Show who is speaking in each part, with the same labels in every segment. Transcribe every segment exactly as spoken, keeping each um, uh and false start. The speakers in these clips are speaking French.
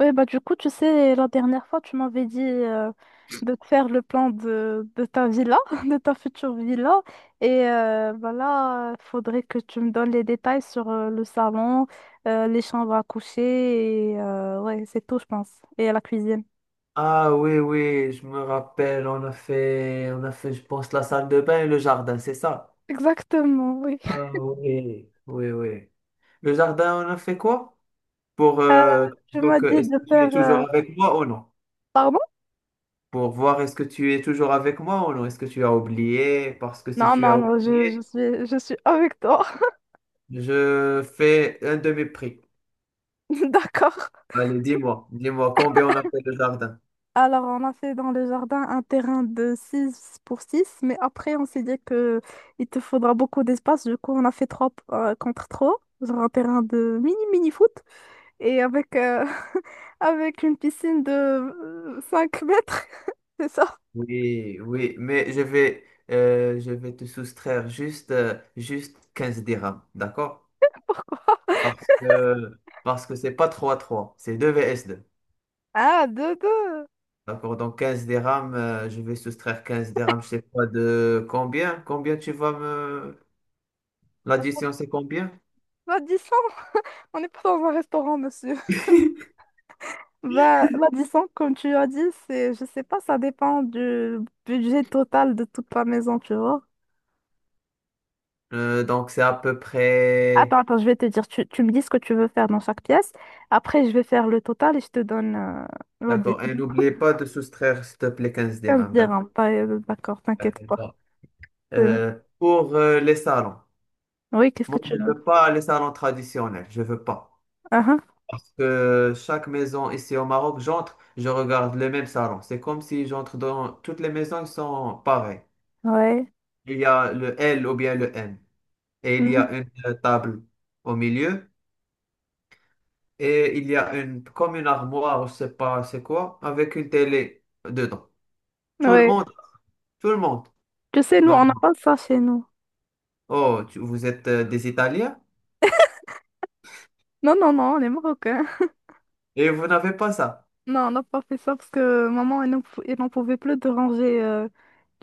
Speaker 1: Oui, bah du coup, tu sais, la dernière fois, tu m'avais dit euh, de te faire le plan de, de ta villa, de ta future villa. Et euh, bah là, il faudrait que tu me donnes les détails sur euh, le salon, euh, les chambres à coucher, et euh, ouais, c'est tout, je pense. Et la cuisine.
Speaker 2: Ah oui, oui, je me rappelle, on a fait, on a fait, je pense, la salle de bain et le jardin, c'est ça?
Speaker 1: Exactement, oui.
Speaker 2: Ah oui. Oui, oui. Le jardin, on a fait quoi? Pour
Speaker 1: Euh,
Speaker 2: euh,
Speaker 1: Tu
Speaker 2: voir
Speaker 1: m'as
Speaker 2: que
Speaker 1: dit
Speaker 2: est-ce que
Speaker 1: de
Speaker 2: tu es
Speaker 1: faire...
Speaker 2: toujours
Speaker 1: euh,
Speaker 2: avec moi ou non?
Speaker 1: Pardon?
Speaker 2: Pour voir est-ce que tu es toujours avec moi ou non? Est-ce que tu as oublié? Parce que si
Speaker 1: Non,
Speaker 2: tu
Speaker 1: non,
Speaker 2: as
Speaker 1: non, je, je
Speaker 2: oublié,
Speaker 1: suis, je suis avec toi.
Speaker 2: je fais un demi-prix.
Speaker 1: D'accord.
Speaker 2: Allez, dis-moi, dis-moi combien on a fait le jardin.
Speaker 1: Alors, on a fait dans le jardin un terrain de six pour six, mais après, on s'est dit que il te faudra beaucoup d'espace. Du coup, on a fait trois euh, contre trois, genre un terrain de mini-mini-foot, et avec, euh, avec une piscine de euh, cinq mètres, c'est ça?
Speaker 2: Oui, oui, mais je vais, euh, je vais te soustraire juste, euh, juste quinze dirhams, d'accord? Parce que, parce que c'est pas trois trois c'est deux vs deux.
Speaker 1: Ah, deux deux.
Speaker 2: D'accord, donc quinze dirhams, euh, je vais soustraire quinze dirhams, je sais pas de combien, combien tu vas me... L'addition, c'est combien?
Speaker 1: Bah, dix, on n'est pas dans un restaurant, monsieur. Bah, la dix comme tu as dit, c'est, je sais pas, ça dépend du budget total de toute la maison, tu vois.
Speaker 2: Euh, donc c'est à peu
Speaker 1: Attends,
Speaker 2: près...
Speaker 1: attends, je vais te dire, tu, tu me dis ce que tu veux faire dans chaque pièce. Après, je vais faire le total et je te donne, euh, vas-y,
Speaker 2: D'accord, et n'oubliez pas de soustraire, s'il te plaît, quinze
Speaker 1: quinze
Speaker 2: dirhams.
Speaker 1: dirhams. Pas- euh, D'accord, t'inquiète pas.
Speaker 2: D'accord.
Speaker 1: C'est-
Speaker 2: Euh, pour euh, les salons,
Speaker 1: Oui, qu'est-ce que
Speaker 2: moi,
Speaker 1: tu
Speaker 2: je
Speaker 1: veux?
Speaker 2: veux pas les salons traditionnels, je veux pas.
Speaker 1: Ah,
Speaker 2: Parce que chaque maison ici au Maroc, j'entre, je regarde les mêmes salons. C'est comme si j'entre dans toutes les maisons, ils sont pareils.
Speaker 1: ah, ouais.
Speaker 2: Il y a le L ou bien le N. Et il y
Speaker 1: Mhm.
Speaker 2: a une euh, table au milieu. Et il y a une, comme une armoire, je sais pas c'est quoi, avec une télé dedans. Tout le
Speaker 1: Ouais.
Speaker 2: monde, tout le monde.
Speaker 1: Tu sais, nous,
Speaker 2: Non.
Speaker 1: on n'a pas ça chez nous.
Speaker 2: Oh, tu- vous êtes euh, des Italiens
Speaker 1: Non, non, non, on est marocains.
Speaker 2: et vous n'avez pas ça.
Speaker 1: Non, on n'a pas fait ça parce que maman, elle n'en pou- elle n'en pouvait plus de ranger euh,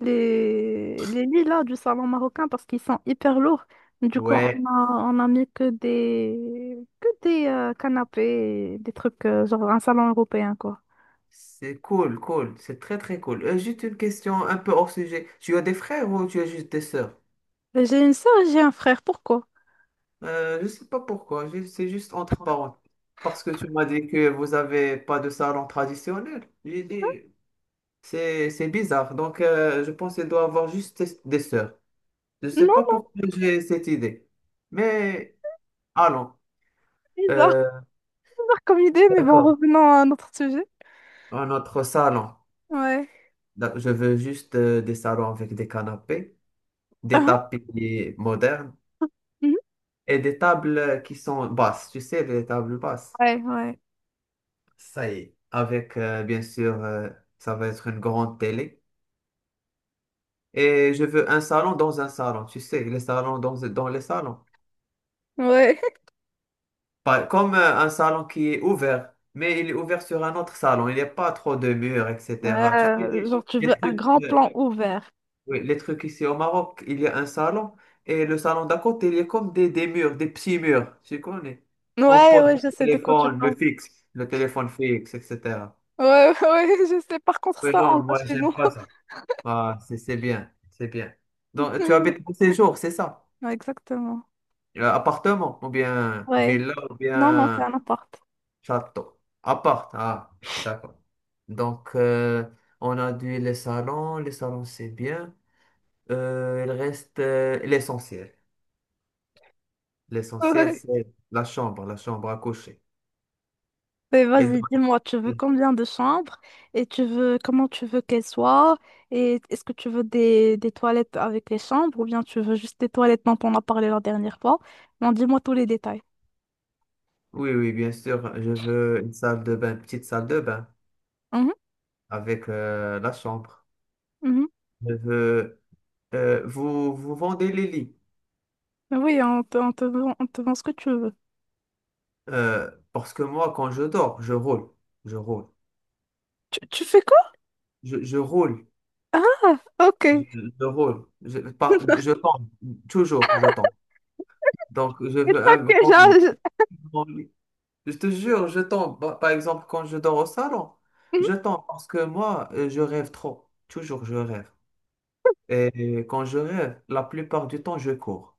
Speaker 1: les, les lits là du salon marocain parce qu'ils sont hyper lourds. Du coup, on
Speaker 2: Ouais,
Speaker 1: a, on a mis que des, que des euh, canapés, des trucs euh, genre un salon européen quoi.
Speaker 2: c'est cool, cool. C'est très, très cool. Euh, juste une question un peu hors sujet. Tu as des frères ou tu as juste des sœurs?
Speaker 1: J'ai une sœur et j'ai un frère, pourquoi?
Speaker 2: Euh, je sais pas pourquoi. ju- C'est juste entre parenthèses. Parce que tu m'as dit que vous avez pas de salon traditionnel. J'ai dit, C'est, c'est bizarre. Donc, euh, je pense qu'elle doit avoir juste des des sœurs. Je ne sais pas
Speaker 1: Non,
Speaker 2: pourquoi j'ai cette idée.
Speaker 1: c'est
Speaker 2: Mais allons.
Speaker 1: bizarre
Speaker 2: Euh,
Speaker 1: comme idée, mais bon,
Speaker 2: d'accord.
Speaker 1: revenons à notre sujet.
Speaker 2: Un autre salon.
Speaker 1: Ouais.
Speaker 2: Da- Je veux juste euh, des salons avec des canapés, des
Speaker 1: Ah,
Speaker 2: tapis modernes
Speaker 1: mhm.
Speaker 2: et des tables qui sont basses. Tu sais, des tables basses.
Speaker 1: Ouais, ouais.
Speaker 2: Ça y est. Avec, euh, bien sûr, euh, ça va être une grande télé. Et je veux un salon dans un salon. Tu sais, les salons dans, dans les salons.
Speaker 1: Ouais.
Speaker 2: Pas- Comme euh, un salon qui est ouvert, mais il est ouvert sur un autre salon. Il n'y a pas trop de murs, et cetera. Tu sais,
Speaker 1: Euh,
Speaker 2: les,
Speaker 1: genre, tu
Speaker 2: les
Speaker 1: veux un
Speaker 2: trucs,
Speaker 1: grand
Speaker 2: euh,
Speaker 1: plan ouvert.
Speaker 2: oui, les trucs ici au Maroc, il y a un salon et le salon d'à côté, il est comme des, des murs, des petits murs. Tu connais? On
Speaker 1: Ouais,
Speaker 2: pose
Speaker 1: ouais, je
Speaker 2: le
Speaker 1: sais de quoi tu
Speaker 2: téléphone,
Speaker 1: parles.
Speaker 2: le fixe, le téléphone fixe, et cetera.
Speaker 1: Ouais, ouais, je sais. Par contre,
Speaker 2: Mais
Speaker 1: ça, on
Speaker 2: non,
Speaker 1: l'a
Speaker 2: moi,
Speaker 1: chez
Speaker 2: j'aime
Speaker 1: nous.
Speaker 2: pas ça. Ah, c'est c'est bien, c'est bien. Donc, tu habites pour ces jours, c'est ça?
Speaker 1: Ouais, exactement.
Speaker 2: Euh, appartement, ou bien
Speaker 1: Ouais.
Speaker 2: villa, ou
Speaker 1: Non, non, c'est
Speaker 2: bien.
Speaker 1: un appart.
Speaker 2: Château. Appart. Ah, d'accord. Donc, euh, on a dit les salons. Les salons, c'est bien. Euh, il reste euh, l'essentiel. L'essentiel,
Speaker 1: Ouais.
Speaker 2: c'est la chambre, la chambre à coucher.
Speaker 1: Mais
Speaker 2: Elle
Speaker 1: vas-y,
Speaker 2: doit
Speaker 1: dis-moi, tu veux
Speaker 2: être-
Speaker 1: combien de chambres et tu veux comment tu veux qu'elles soient et est-ce que tu veux des, des toilettes avec les chambres ou bien tu veux juste des toilettes dont on a parlé la dernière fois? Non, dis-moi tous les détails.
Speaker 2: Oui, oui, bien sûr. Je veux une salle de bain, petite salle de bain
Speaker 1: Mhm,
Speaker 2: avec euh, la chambre.
Speaker 1: mhm.
Speaker 2: Je veux euh, vous, vous vendez les lits.
Speaker 1: Mais oui, on te, on te vend, on te vend ce que tu veux.
Speaker 2: Euh, parce que moi, quand je dors, je roule. Je roule.
Speaker 1: Tu, tu fais quoi?
Speaker 2: Je, je roule.
Speaker 1: Ah, ok.
Speaker 2: Je, je roule, je, par- je tombe, toujours je tombe. Donc, je
Speaker 1: Et
Speaker 2: veux
Speaker 1: toi,
Speaker 2: un
Speaker 1: que
Speaker 2: grand lit.
Speaker 1: genre,
Speaker 2: Grand lit. Je te jure, je tombe. Par par exemple, quand je dors au salon,
Speaker 1: mhm.
Speaker 2: je tombe parce que moi, euh, je rêve trop. Toujours, je rêve. Et quand je rêve, la plupart du temps, je cours.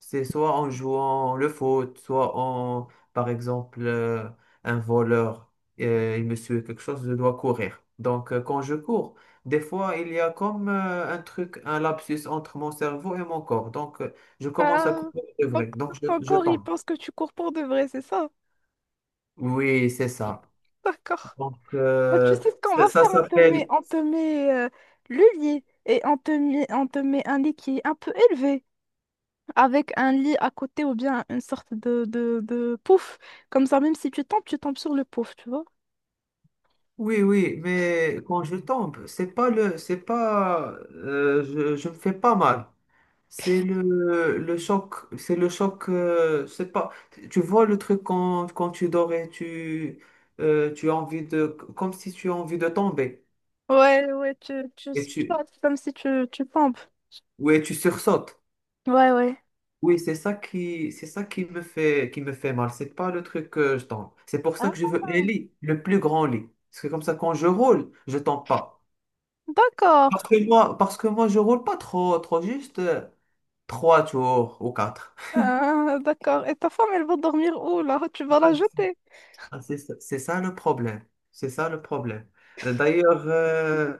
Speaker 2: C'est soit en jouant le foot, soit en, par exemple, euh, un voleur, euh, il me suit quelque chose, je dois courir. Donc, euh, quand je cours, des fois, il y a comme euh, un truc, un lapsus entre mon cerveau et mon corps. Donc, euh, je
Speaker 1: je-
Speaker 2: commence à
Speaker 1: euh,
Speaker 2: courir de
Speaker 1: donc
Speaker 2: vrai. Donc, je,
Speaker 1: ton
Speaker 2: je
Speaker 1: corps, il
Speaker 2: tombe.
Speaker 1: pense que tu cours pour de vrai, c'est ça?
Speaker 2: Oui, c'est ça.
Speaker 1: D'accord.
Speaker 2: Donc,
Speaker 1: Bah, tu
Speaker 2: euh,
Speaker 1: sais ce qu'on
Speaker 2: ça,
Speaker 1: va
Speaker 2: ça
Speaker 1: faire? On te met,
Speaker 2: s'appelle...
Speaker 1: on te met euh, le lit et on te met, on te met un lit qui est un peu élevé avec un lit à côté ou bien une sorte de, de, de pouf. Comme ça, même si tu tombes, tu tombes sur le pouf, tu vois?
Speaker 2: Oui, oui, mais quand je tombe, c'est pas le, c'est pas, euh, je, je me fais pas mal. C'est le, le choc, c'est le choc, euh, c'est pas, tu vois le truc quand, quand tu dors et tu, euh, tu as envie de, comme si tu as envie de tomber
Speaker 1: Ouais, ouais, tu, tu
Speaker 2: et tu,
Speaker 1: squattes comme si tu, tu tombes.
Speaker 2: ouais, tu sursautes.
Speaker 1: Ouais, ouais.
Speaker 2: Oui, c'est ça qui, c'est ça qui me fait, qui me fait mal. C'est pas le truc que je tombe. C'est pour ça
Speaker 1: Ah,
Speaker 2: que je veux un lit, le plus grand lit. Parce que comme ça, quand je roule, je tombe pas. Parce
Speaker 1: d'accord.
Speaker 2: que moi, parce que moi, je roule pas trop, trop juste euh, trois tours ou quatre.
Speaker 1: Ah, d'accord. Et ta femme, elle va dormir où là? Tu vas
Speaker 2: Ah,
Speaker 1: la
Speaker 2: c'est
Speaker 1: jeter.
Speaker 2: ah, c'est ça c'est ça le problème. C'est ça le problème. Euh, D'ailleurs, euh,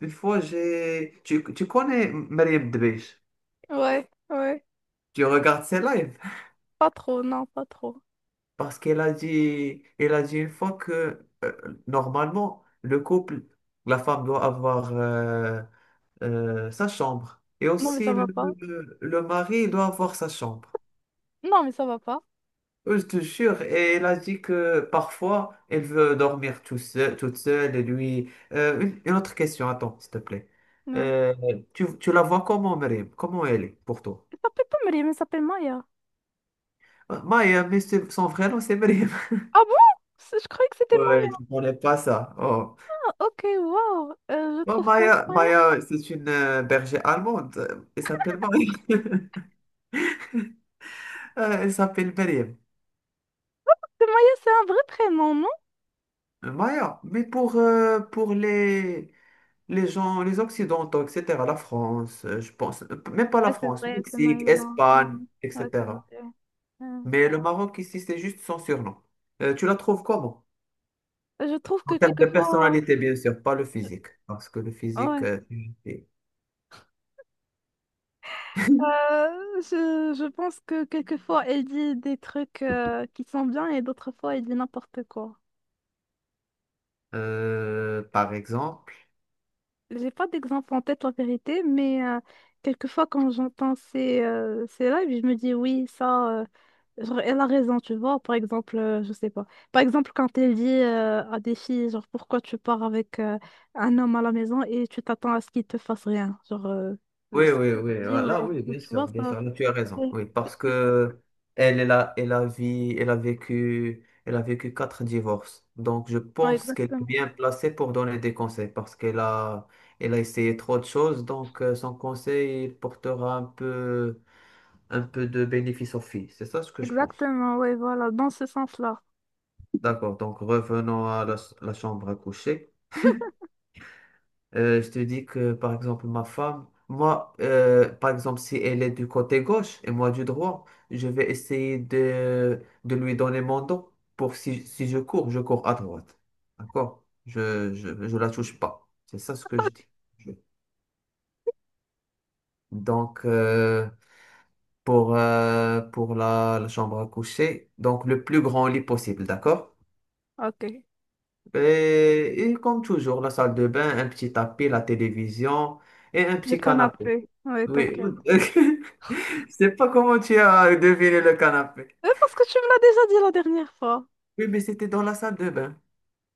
Speaker 2: une fois, j'ai... Tu, tu connais Mariam Debech?
Speaker 1: Ouais, ouais.
Speaker 2: Tu regardes ses lives?
Speaker 1: Pas trop, non, pas trop.
Speaker 2: Parce qu'elle a dit, elle a dit une fois que euh, normalement, le couple, la femme doit avoir euh, euh, sa chambre. Et
Speaker 1: Non, mais ça
Speaker 2: aussi,
Speaker 1: va
Speaker 2: le
Speaker 1: pas.
Speaker 2: le mari doit avoir sa chambre.
Speaker 1: Non, mais ça va pas.
Speaker 2: Oui, je te jure, et elle a dit que parfois elle veut dormir tout seul- toute seule. Et lui, euh, une, une autre question, attends, s'il te plaît.
Speaker 1: Ouais.
Speaker 2: Euh, tu, tu la vois comment, Mariam? Comment elle est pour toi?
Speaker 1: Elle s'appelle pas Maria, mais s'appelle Maya.
Speaker 2: Euh, Maya, mais c'est- son vrai nom, c'est Mariam.
Speaker 1: Ah bon? C'est- je croyais que c'était
Speaker 2: Ouais,
Speaker 1: Maya.
Speaker 2: tu connais pas ça. Oh.
Speaker 1: Ok, wow. Euh, je
Speaker 2: Bon,
Speaker 1: trouve quand même
Speaker 2: Maya,
Speaker 1: Maya.
Speaker 2: Maya, c'est une euh, bergère allemande. Euh, Elle s'appelle Maya. Euh, elle s'appelle Mariam.
Speaker 1: C'est Maya, c'est un vrai prénom, non?
Speaker 2: Maya, mais pour, euh, pour les, les gens, les Occidentaux, et cetera, la France, euh, je pense, euh, même pas la
Speaker 1: Ouais, c'est
Speaker 2: France,
Speaker 1: vrai, c'est Maya
Speaker 2: Mexique,
Speaker 1: le Marocain.
Speaker 2: Espagne,
Speaker 1: Ouais, c'est vrai.
Speaker 2: et cetera.
Speaker 1: Ouais.
Speaker 2: Mais le Maroc ici, c'est juste son surnom. Euh, tu la trouves comment?
Speaker 1: Je trouve
Speaker 2: En
Speaker 1: que
Speaker 2: termes de
Speaker 1: quelquefois.
Speaker 2: personnalité, bien sûr, pas le physique, parce que le physique,
Speaker 1: Ouais.
Speaker 2: euh, tu le fais.
Speaker 1: Euh, je, je pense que quelquefois elle dit des trucs euh, qui sont bien et d'autres fois elle dit n'importe quoi.
Speaker 2: Euh, par exemple,
Speaker 1: J'ai pas d'exemple en tête en vérité, mais euh, quelquefois quand j'entends ces, euh, ces lives, je me dis oui, ça. Euh, genre, elle a raison, tu vois. Par exemple, euh, je sais pas. Par exemple, quand elle dit euh, à des filles, genre, pourquoi tu pars avec euh, un homme à la maison et tu t'attends à ce qu'il te fasse rien. Genre, euh, euh,
Speaker 2: oui,
Speaker 1: ce
Speaker 2: oui,
Speaker 1: qu'elle
Speaker 2: oui.
Speaker 1: dit,
Speaker 2: Ah, là,
Speaker 1: ouais,
Speaker 2: oui, bien
Speaker 1: tu
Speaker 2: sûr,
Speaker 1: vois,
Speaker 2: bien
Speaker 1: ça.
Speaker 2: sûr. Là, tu as raison.
Speaker 1: Ouais,
Speaker 2: Oui, parce que elle, elle a, elle a vi- elle a vécu, elle a vécu quatre divorces. Donc, je
Speaker 1: ouais,
Speaker 2: pense qu'elle est
Speaker 1: exactement.
Speaker 2: bien placée pour donner des conseils parce qu'elle a, elle a essayé trop de choses. Donc, euh, son conseil, il portera un peu, un peu de bénéfice aux filles. C'est ça ce que je pense.
Speaker 1: Exactement, ouais, voilà, dans ce sens-là.
Speaker 2: D'accord. Donc, revenons à la, la chambre à coucher. Euh, je te dis que, par exemple, ma femme, moi, euh, par exemple, si elle est du côté gauche et moi du droit, je vais essayer de, de lui donner mon dos pour si, si je cours, je cours à droite. D'accord? Je, je, je la touche pas. C'est ça ce que je dis. Je- Donc, euh, pour, euh, pour la, la chambre à coucher, donc le plus grand lit possible, d'accord?
Speaker 1: Ok.
Speaker 2: Et, et comme toujours, la salle de bain, un petit tapis, la télévision et un
Speaker 1: Le
Speaker 2: petit canapé.
Speaker 1: canapé. Ouais,
Speaker 2: Oui.
Speaker 1: t'inquiète.
Speaker 2: Je sais pas comment tu as deviné le canapé.
Speaker 1: Euh, parce que tu me l'as déjà dit la dernière fois.
Speaker 2: Oui, mais c'était dans la salle de bain.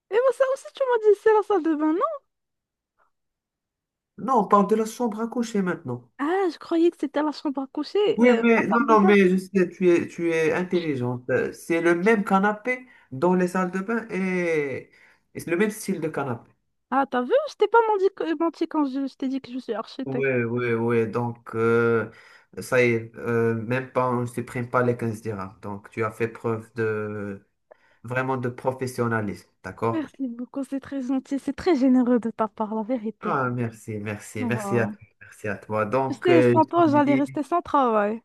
Speaker 1: Et moi, ça aussi, tu m'as dit, c'est la salle de bain, non?
Speaker 2: Non, on parle de la chambre à coucher maintenant.
Speaker 1: Ah, je croyais que c'était la chambre à coucher,
Speaker 2: Oui,
Speaker 1: euh, la
Speaker 2: mais non,
Speaker 1: salle de
Speaker 2: non,
Speaker 1: bain.
Speaker 2: mais je sais, tu es, tu es intelligente. Euh, C'est le même canapé dans les salles de bain et, et c'est le même style de canapé.
Speaker 1: Ah, t'as vu, je t'ai pas menti, que- menti quand je, je t'ai dit que je suis
Speaker 2: Oui,
Speaker 1: architecte.
Speaker 2: oui, oui. Donc, euh, ça y est, euh, même pas, on ne supprime pas les quinze dirhams. Donc, tu as fait preuve de vraiment de professionnalisme, d'accord?
Speaker 1: Merci beaucoup, c'est très gentil, c'est très généreux de ta part, la vérité.
Speaker 2: Ah, merci, merci, merci à
Speaker 1: Voilà.
Speaker 2: toi, merci à toi.
Speaker 1: Tu
Speaker 2: Donc,
Speaker 1: sais,
Speaker 2: euh,
Speaker 1: sans
Speaker 2: je
Speaker 1: toi,
Speaker 2: te
Speaker 1: j'allais
Speaker 2: dis.
Speaker 1: rester sans travail.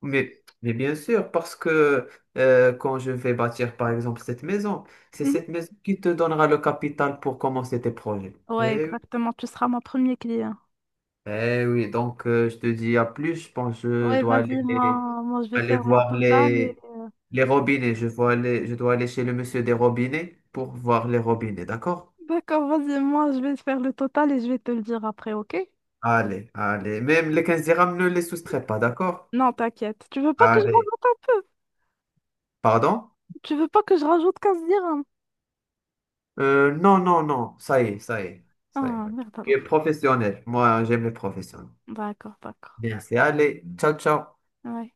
Speaker 2: Mais, mais bien sûr, parce que euh, quand je vais bâtir, par exemple, cette maison, c'est
Speaker 1: Mhm.
Speaker 2: cette maison qui te donnera le capital pour commencer tes projets.
Speaker 1: Ouais,
Speaker 2: Eh oui,
Speaker 1: exactement, tu seras mon premier client.
Speaker 2: eh oui. Donc euh, je te dis à plus, je pense que je
Speaker 1: Ouais,
Speaker 2: dois
Speaker 1: vas-y,
Speaker 2: aller,
Speaker 1: moi, moi, je vais
Speaker 2: aller
Speaker 1: faire mon
Speaker 2: voir
Speaker 1: total. Et-
Speaker 2: les, les robinets. Je vois aller- je dois aller chez le monsieur des robinets pour voir les robinets, d'accord?
Speaker 1: D'accord, vas-y, moi, je vais faire le total et je vais te le dire après, ok?
Speaker 2: Allez, allez. Même les quinze dirhams, ne les soustrais pas, d'accord?
Speaker 1: Non, t'inquiète. Tu veux pas que je
Speaker 2: Allez.
Speaker 1: rajoute un peu?
Speaker 2: Pardon?
Speaker 1: Tu veux pas que je rajoute quinze dirhams?
Speaker 2: Euh, non, non, non, ça y est, ça y est, ça y est.
Speaker 1: Ah, merde
Speaker 2: Je suis
Speaker 1: alors.
Speaker 2: professionnel. Moi, j'aime les professionnels.
Speaker 1: D'accord, d'accord.
Speaker 2: Bien, c'est allez. Ciao, ciao.
Speaker 1: Ouais.